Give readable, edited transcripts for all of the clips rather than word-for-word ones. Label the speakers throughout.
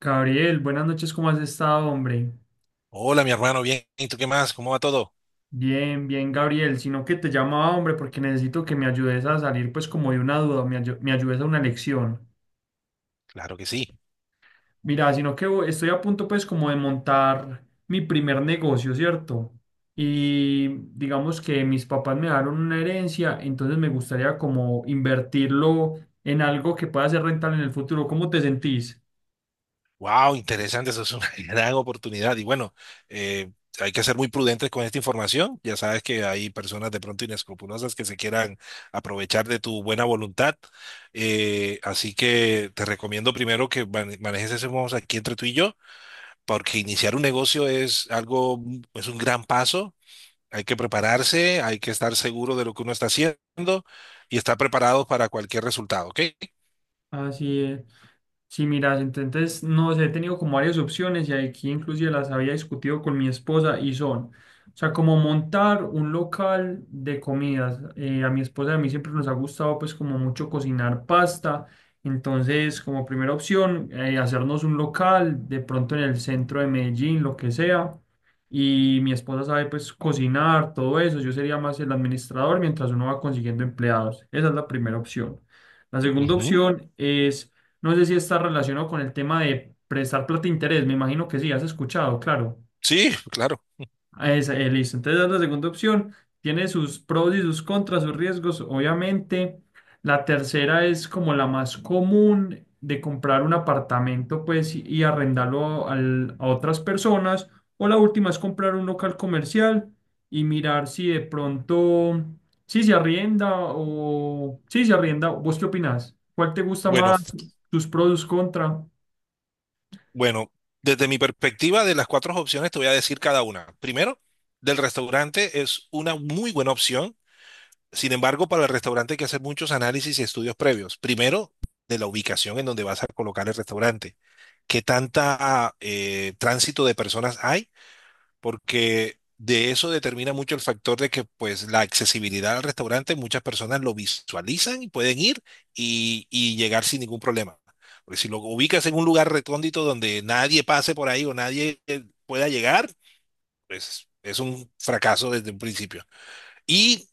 Speaker 1: Gabriel, buenas noches, ¿cómo has estado, hombre?
Speaker 2: Hola, mi hermano, bien. ¿Y tú qué más? ¿Cómo va todo?
Speaker 1: Bien, Gabriel, sino que te llamaba, hombre, porque necesito que me ayudes a salir pues como de una duda, me ayudes a una lección.
Speaker 2: Claro que sí.
Speaker 1: Mira, sino que estoy a punto pues como de montar mi primer negocio, ¿cierto? Y digamos que mis papás me dieron una herencia, entonces me gustaría como invertirlo en algo que pueda ser rentable en el futuro. ¿Cómo te sentís?
Speaker 2: Wow, interesante. Eso es una gran oportunidad. Y bueno, eh, hay que ser muy prudentes con esta información. Ya sabes que hay personas de pronto inescrupulosas que se quieran aprovechar de tu buena voluntad. Así que te recomiendo primero que manejes ese modo aquí entre tú y yo, porque iniciar un negocio es algo, es un gran paso. Hay que prepararse, hay que estar seguro de lo que uno está haciendo y estar preparado para cualquier resultado, ¿ok?
Speaker 1: Así es. Sí, mira, entonces no sé, he tenido como varias opciones y aquí inclusive las había discutido con mi esposa y son, o sea, como montar un local de comidas. A mi esposa y a mí siempre nos ha gustado pues como mucho cocinar pasta, entonces como primera opción hacernos un local de pronto en el centro de Medellín, lo que sea y mi esposa sabe pues cocinar, todo eso, yo sería más el administrador mientras uno va consiguiendo empleados. Esa es la primera opción. La segunda
Speaker 2: Ujú.
Speaker 1: opción es, no sé si está relacionado con el tema de prestar plata de interés, me imagino que sí, has escuchado, claro.
Speaker 2: Sí, claro.
Speaker 1: Ah, esa, listo. Entonces, es la segunda opción. Tiene sus pros y sus contras, sus riesgos, obviamente. La tercera es como la más común de comprar un apartamento, pues, y a otras personas. O la última es comprar un local comercial y mirar si de pronto, si se arrienda o si se arrienda. ¿Vos qué opinás? ¿Cuál te gusta
Speaker 2: Bueno,
Speaker 1: más? ¿Sus pros, sus contras?
Speaker 2: bueno, desde mi perspectiva de las cuatro opciones te voy a decir cada una. Primero, del restaurante es una muy buena opción. Sin embargo, para el restaurante hay que hacer muchos análisis y estudios previos. Primero, de la ubicación en donde vas a colocar el restaurante. ¿Qué tanta tránsito de personas hay? Porque de eso determina mucho el factor de que pues la accesibilidad al restaurante muchas personas lo visualizan y pueden ir y llegar sin ningún problema. Porque si lo ubicas en un lugar recóndito donde nadie pase por ahí o nadie pueda llegar, pues es un fracaso desde un principio. Y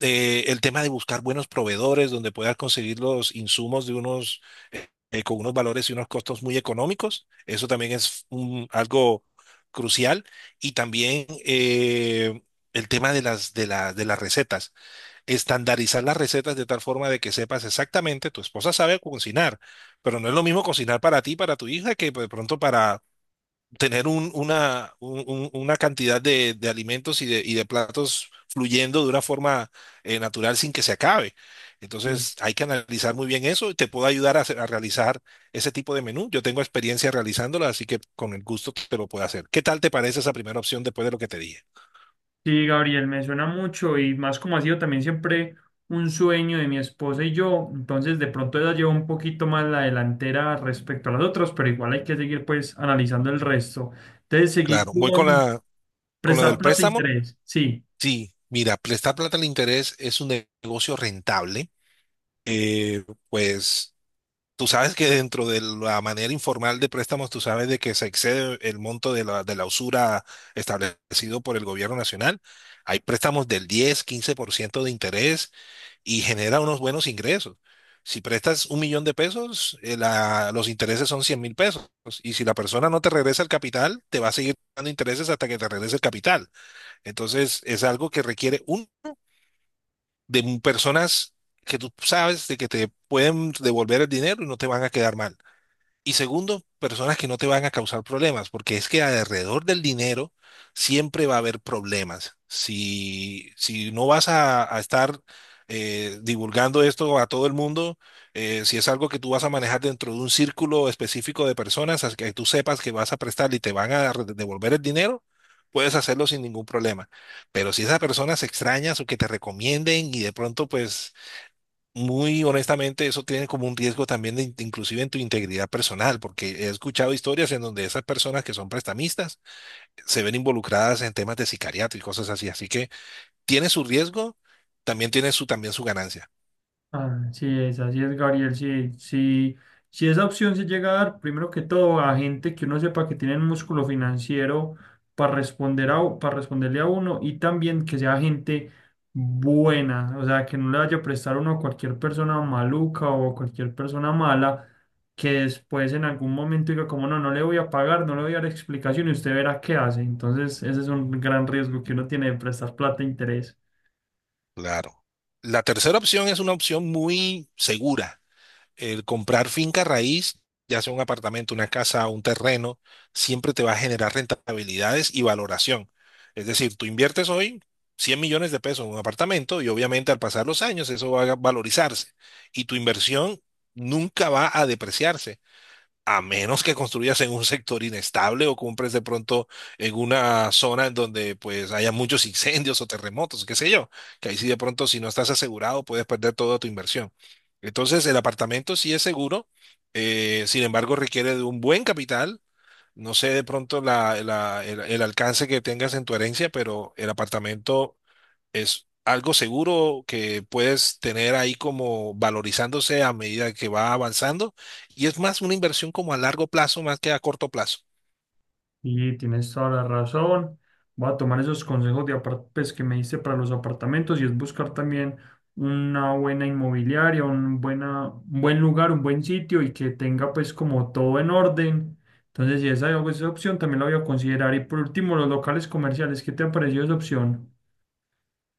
Speaker 2: el tema de buscar buenos proveedores donde puedas conseguir los insumos de unos con unos valores y unos costos muy económicos. Eso también es algo crucial. Y también el tema de las, de las recetas. Estandarizar las recetas de tal forma de que sepas exactamente, tu esposa sabe cocinar, pero no es lo mismo cocinar para ti, para tu hija, que pues, de pronto para, tener una cantidad de alimentos y de platos fluyendo de una forma natural sin que se acabe. Entonces hay que analizar muy bien eso. Y te puedo ayudar a realizar ese tipo de menú. Yo tengo experiencia realizándolo, así que con el gusto te lo puedo hacer. ¿Qué tal te parece esa primera opción después de lo que te dije?
Speaker 1: Sí, Gabriel, me suena mucho y más como ha sido también siempre un sueño de mi esposa y yo, entonces de pronto ella lleva un poquito más la delantera respecto a las otras, pero igual hay que seguir pues analizando el resto. Entonces seguí
Speaker 2: Claro, voy con
Speaker 1: con
Speaker 2: la, con lo
Speaker 1: prestar
Speaker 2: del
Speaker 1: plata e
Speaker 2: préstamo.
Speaker 1: interés, sí.
Speaker 2: Sí, mira, prestar plata al interés es un negocio rentable. Eh, pues tú sabes que dentro de la manera informal de préstamos, tú sabes de que se excede el monto de la usura establecido por el gobierno nacional. Hay préstamos del 10, 15% de interés y genera unos buenos ingresos. Si prestas 1 millón de pesos, los intereses son 100,000 pesos. Y si la persona no te regresa el capital, te va a seguir dando intereses hasta que te regrese el capital. Entonces, es algo que requiere un de personas que tú sabes de que te pueden devolver el dinero y no te van a quedar mal. Y segundo, personas que no te van a causar problemas, porque es que alrededor del dinero siempre va a haber problemas. Si no vas a estar divulgando esto a todo el mundo, si es algo que tú vas a manejar dentro de un círculo específico de personas, que tú sepas que vas a prestar y te van a devolver el dinero, puedes hacerlo sin ningún problema. Pero si esas personas extrañas o que te recomienden y de pronto pues muy honestamente, eso tiene como un riesgo también de, inclusive en tu integridad personal, porque he escuchado historias en donde esas personas que son prestamistas se ven involucradas en temas de sicariato y cosas así. Así que tiene su riesgo, también tiene su, también su ganancia.
Speaker 1: Así es, Gabriel. Sí, sí, si esa opción se llega a dar, primero que todo, a gente que uno sepa que tienen músculo financiero para para responderle a uno y también que sea gente buena, o sea, que no le vaya a prestar uno a cualquier persona maluca o a cualquier persona mala que después en algún momento diga como no, no le voy a pagar, no le voy a dar explicación y usted verá qué hace. Entonces, ese es un gran riesgo que uno tiene de prestar plata a interés.
Speaker 2: Claro. La tercera opción es una opción muy segura. El comprar finca raíz, ya sea un apartamento, una casa, un terreno, siempre te va a generar rentabilidades y valoración. Es decir, tú inviertes hoy 100 millones de pesos en un apartamento y obviamente al pasar los años eso va a valorizarse y tu inversión nunca va a depreciarse a menos que construyas en un sector inestable o compres de pronto en una zona en donde pues haya muchos incendios o terremotos, qué sé yo, que ahí sí de pronto si no estás asegurado puedes perder toda tu inversión. Entonces el apartamento sí es seguro, sin embargo requiere de un buen capital. No sé de pronto el alcance que tengas en tu herencia, pero el apartamento es algo seguro que puedes tener ahí como valorizándose a medida que va avanzando y es más una inversión como a largo plazo más que a corto plazo.
Speaker 1: Y tienes toda la razón. Voy a tomar esos consejos pues, que me diste para los apartamentos y es buscar también una buena inmobiliaria, un buen lugar, un buen sitio y que tenga pues como todo en orden. Entonces, si esa, esa opción también la voy a considerar. Y por último, los locales comerciales. ¿Qué te ha parecido esa opción?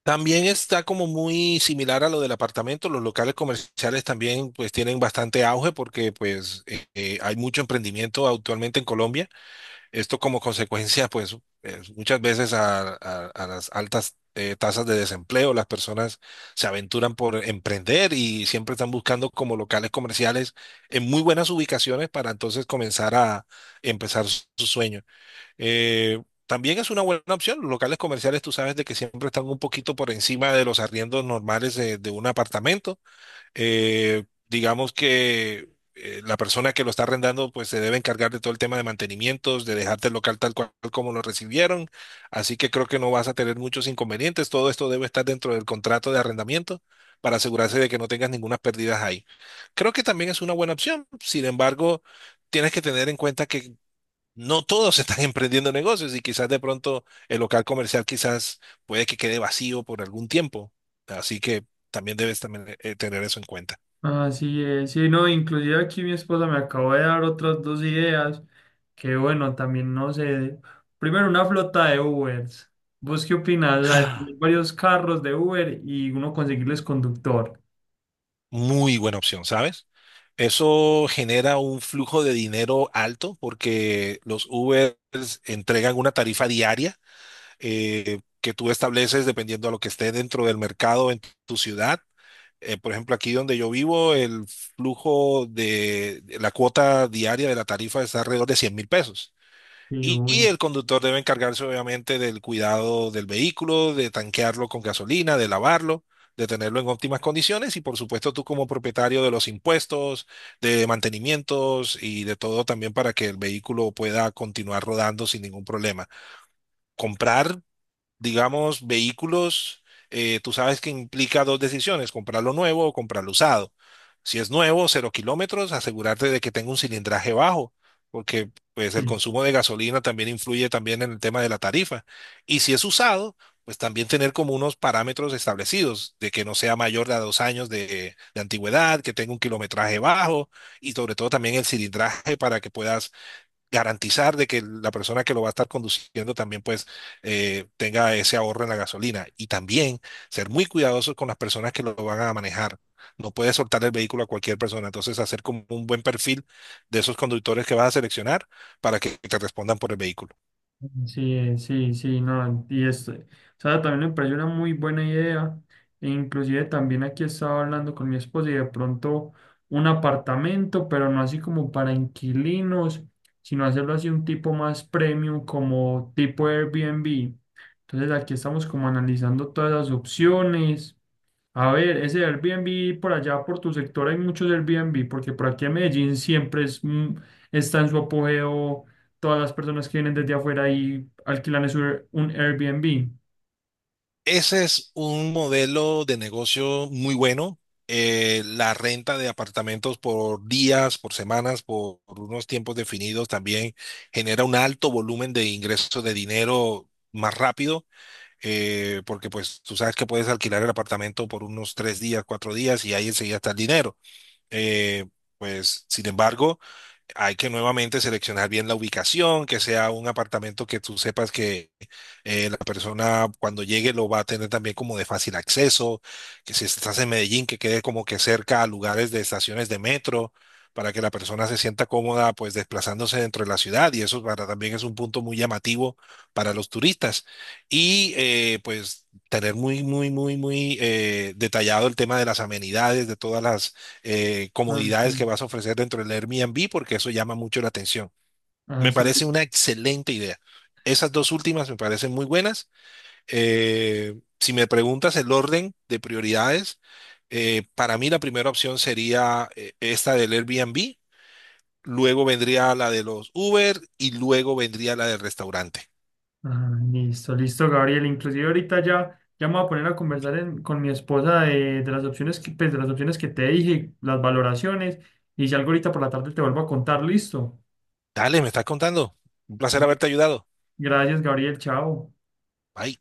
Speaker 2: También está como muy similar a lo del apartamento, los locales comerciales también pues tienen bastante auge porque pues hay mucho emprendimiento actualmente en Colombia. Esto como consecuencia, pues muchas veces a, a las altas tasas de desempleo, las personas se aventuran por emprender y siempre están buscando como locales comerciales en muy buenas ubicaciones para entonces comenzar a empezar su, su sueño. También es una buena opción. Los locales comerciales, tú sabes de que siempre están un poquito por encima de los arriendos normales de un apartamento. Digamos que la persona que lo está arrendando pues se debe encargar de todo el tema de mantenimientos, de dejarte el local tal cual como lo recibieron. Así que creo que no vas a tener muchos inconvenientes. Todo esto debe estar dentro del contrato de arrendamiento para asegurarse de que no tengas ninguna pérdida ahí. Creo que también es una buena opción. Sin embargo, tienes que tener en cuenta que no todos están emprendiendo negocios y quizás de pronto el local comercial quizás puede que quede vacío por algún tiempo. Así que también debes también, tener eso en cuenta.
Speaker 1: Así es, sí, no, inclusive aquí mi esposa me acabó de dar otras dos ideas, que bueno, también no sé, primero una flota de Ubers, ¿vos qué opinas? O sea, de tener varios carros de Uber y uno conseguirles conductor.
Speaker 2: Muy buena opción, ¿sabes? Eso genera un flujo de dinero alto porque los Ubers entregan una tarifa diaria que tú estableces dependiendo a lo que esté dentro del mercado en tu ciudad. Por ejemplo, aquí donde yo vivo, el flujo de la cuota diaria de la tarifa está alrededor de 100,000 pesos.
Speaker 1: Y
Speaker 2: Y
Speaker 1: uy,
Speaker 2: el conductor debe encargarse obviamente del cuidado del vehículo, de tanquearlo con gasolina, de lavarlo, de tenerlo en óptimas condiciones y por supuesto tú como propietario de los impuestos, de mantenimientos y de todo también para que el vehículo pueda continuar rodando sin ningún problema. Comprar digamos, vehículos, tú sabes que implica dos decisiones, comprarlo nuevo o comprarlo usado. Si es nuevo, cero kilómetros, asegurarte de que tenga un cilindraje bajo, porque pues el
Speaker 1: sí.
Speaker 2: consumo de gasolina también influye también en el tema de la tarifa. Y si es usado, pues también tener como unos parámetros establecidos, de que no sea mayor de a 2 años de antigüedad, que tenga un kilometraje bajo y sobre todo también el cilindraje para que puedas garantizar de que la persona que lo va a estar conduciendo también pues tenga ese ahorro en la gasolina y también ser muy cuidadosos con las personas que lo van a manejar. No puedes soltar el vehículo a cualquier persona, entonces hacer como un buen perfil de esos conductores que vas a seleccionar para que te respondan por el vehículo.
Speaker 1: Sí, sí, sí, no, y esto, o sea, también me pareció una muy buena idea, e inclusive también aquí estaba hablando con mi esposa y de pronto un apartamento, pero no así como para inquilinos, sino hacerlo así un tipo más premium como tipo Airbnb. Entonces aquí estamos como analizando todas las opciones. A ver, ese Airbnb por allá, por tu sector, hay muchos Airbnb, porque por aquí en Medellín siempre es, está en su apogeo. Todas las personas que vienen desde afuera y alquilan es un Airbnb.
Speaker 2: Ese es un modelo de negocio muy bueno. La renta de apartamentos por días, por semanas, por unos tiempos definidos también genera un alto volumen de ingresos de dinero más rápido, porque pues tú sabes que puedes alquilar el apartamento por unos 3 días, 4 días y ahí enseguida está el dinero. Eh, pues sin embargo, hay que nuevamente seleccionar bien la ubicación, que sea un apartamento que tú sepas que la persona cuando llegue lo va a tener también como de fácil acceso, que si estás en Medellín, que quede como que cerca a lugares de estaciones de metro, para que la persona se sienta cómoda pues desplazándose dentro de la ciudad y eso para, también es un punto muy llamativo para los turistas. Y pues tener muy, muy, muy, muy detallado el tema de las amenidades, de todas las
Speaker 1: Ah,
Speaker 2: comodidades que
Speaker 1: sí.
Speaker 2: vas a ofrecer dentro del Airbnb, porque eso llama mucho la atención.
Speaker 1: Ah,
Speaker 2: Me
Speaker 1: sí.
Speaker 2: parece una excelente idea. Esas dos últimas me parecen muy buenas. Si me preguntas el orden de prioridades, para mí la primera opción sería esta del Airbnb, luego vendría la de los Uber y luego vendría la del restaurante.
Speaker 1: Ah, listo, listo, Gabriel. Inclusive ahorita ya, ya me voy a poner a conversar con mi esposa de las opciones que, pues, de las opciones que te dije, las valoraciones, y si algo ahorita por la tarde te vuelvo a contar, listo.
Speaker 2: Dale, me estás contando. Un placer haberte ayudado.
Speaker 1: Gracias, Gabriel, chao.
Speaker 2: Bye.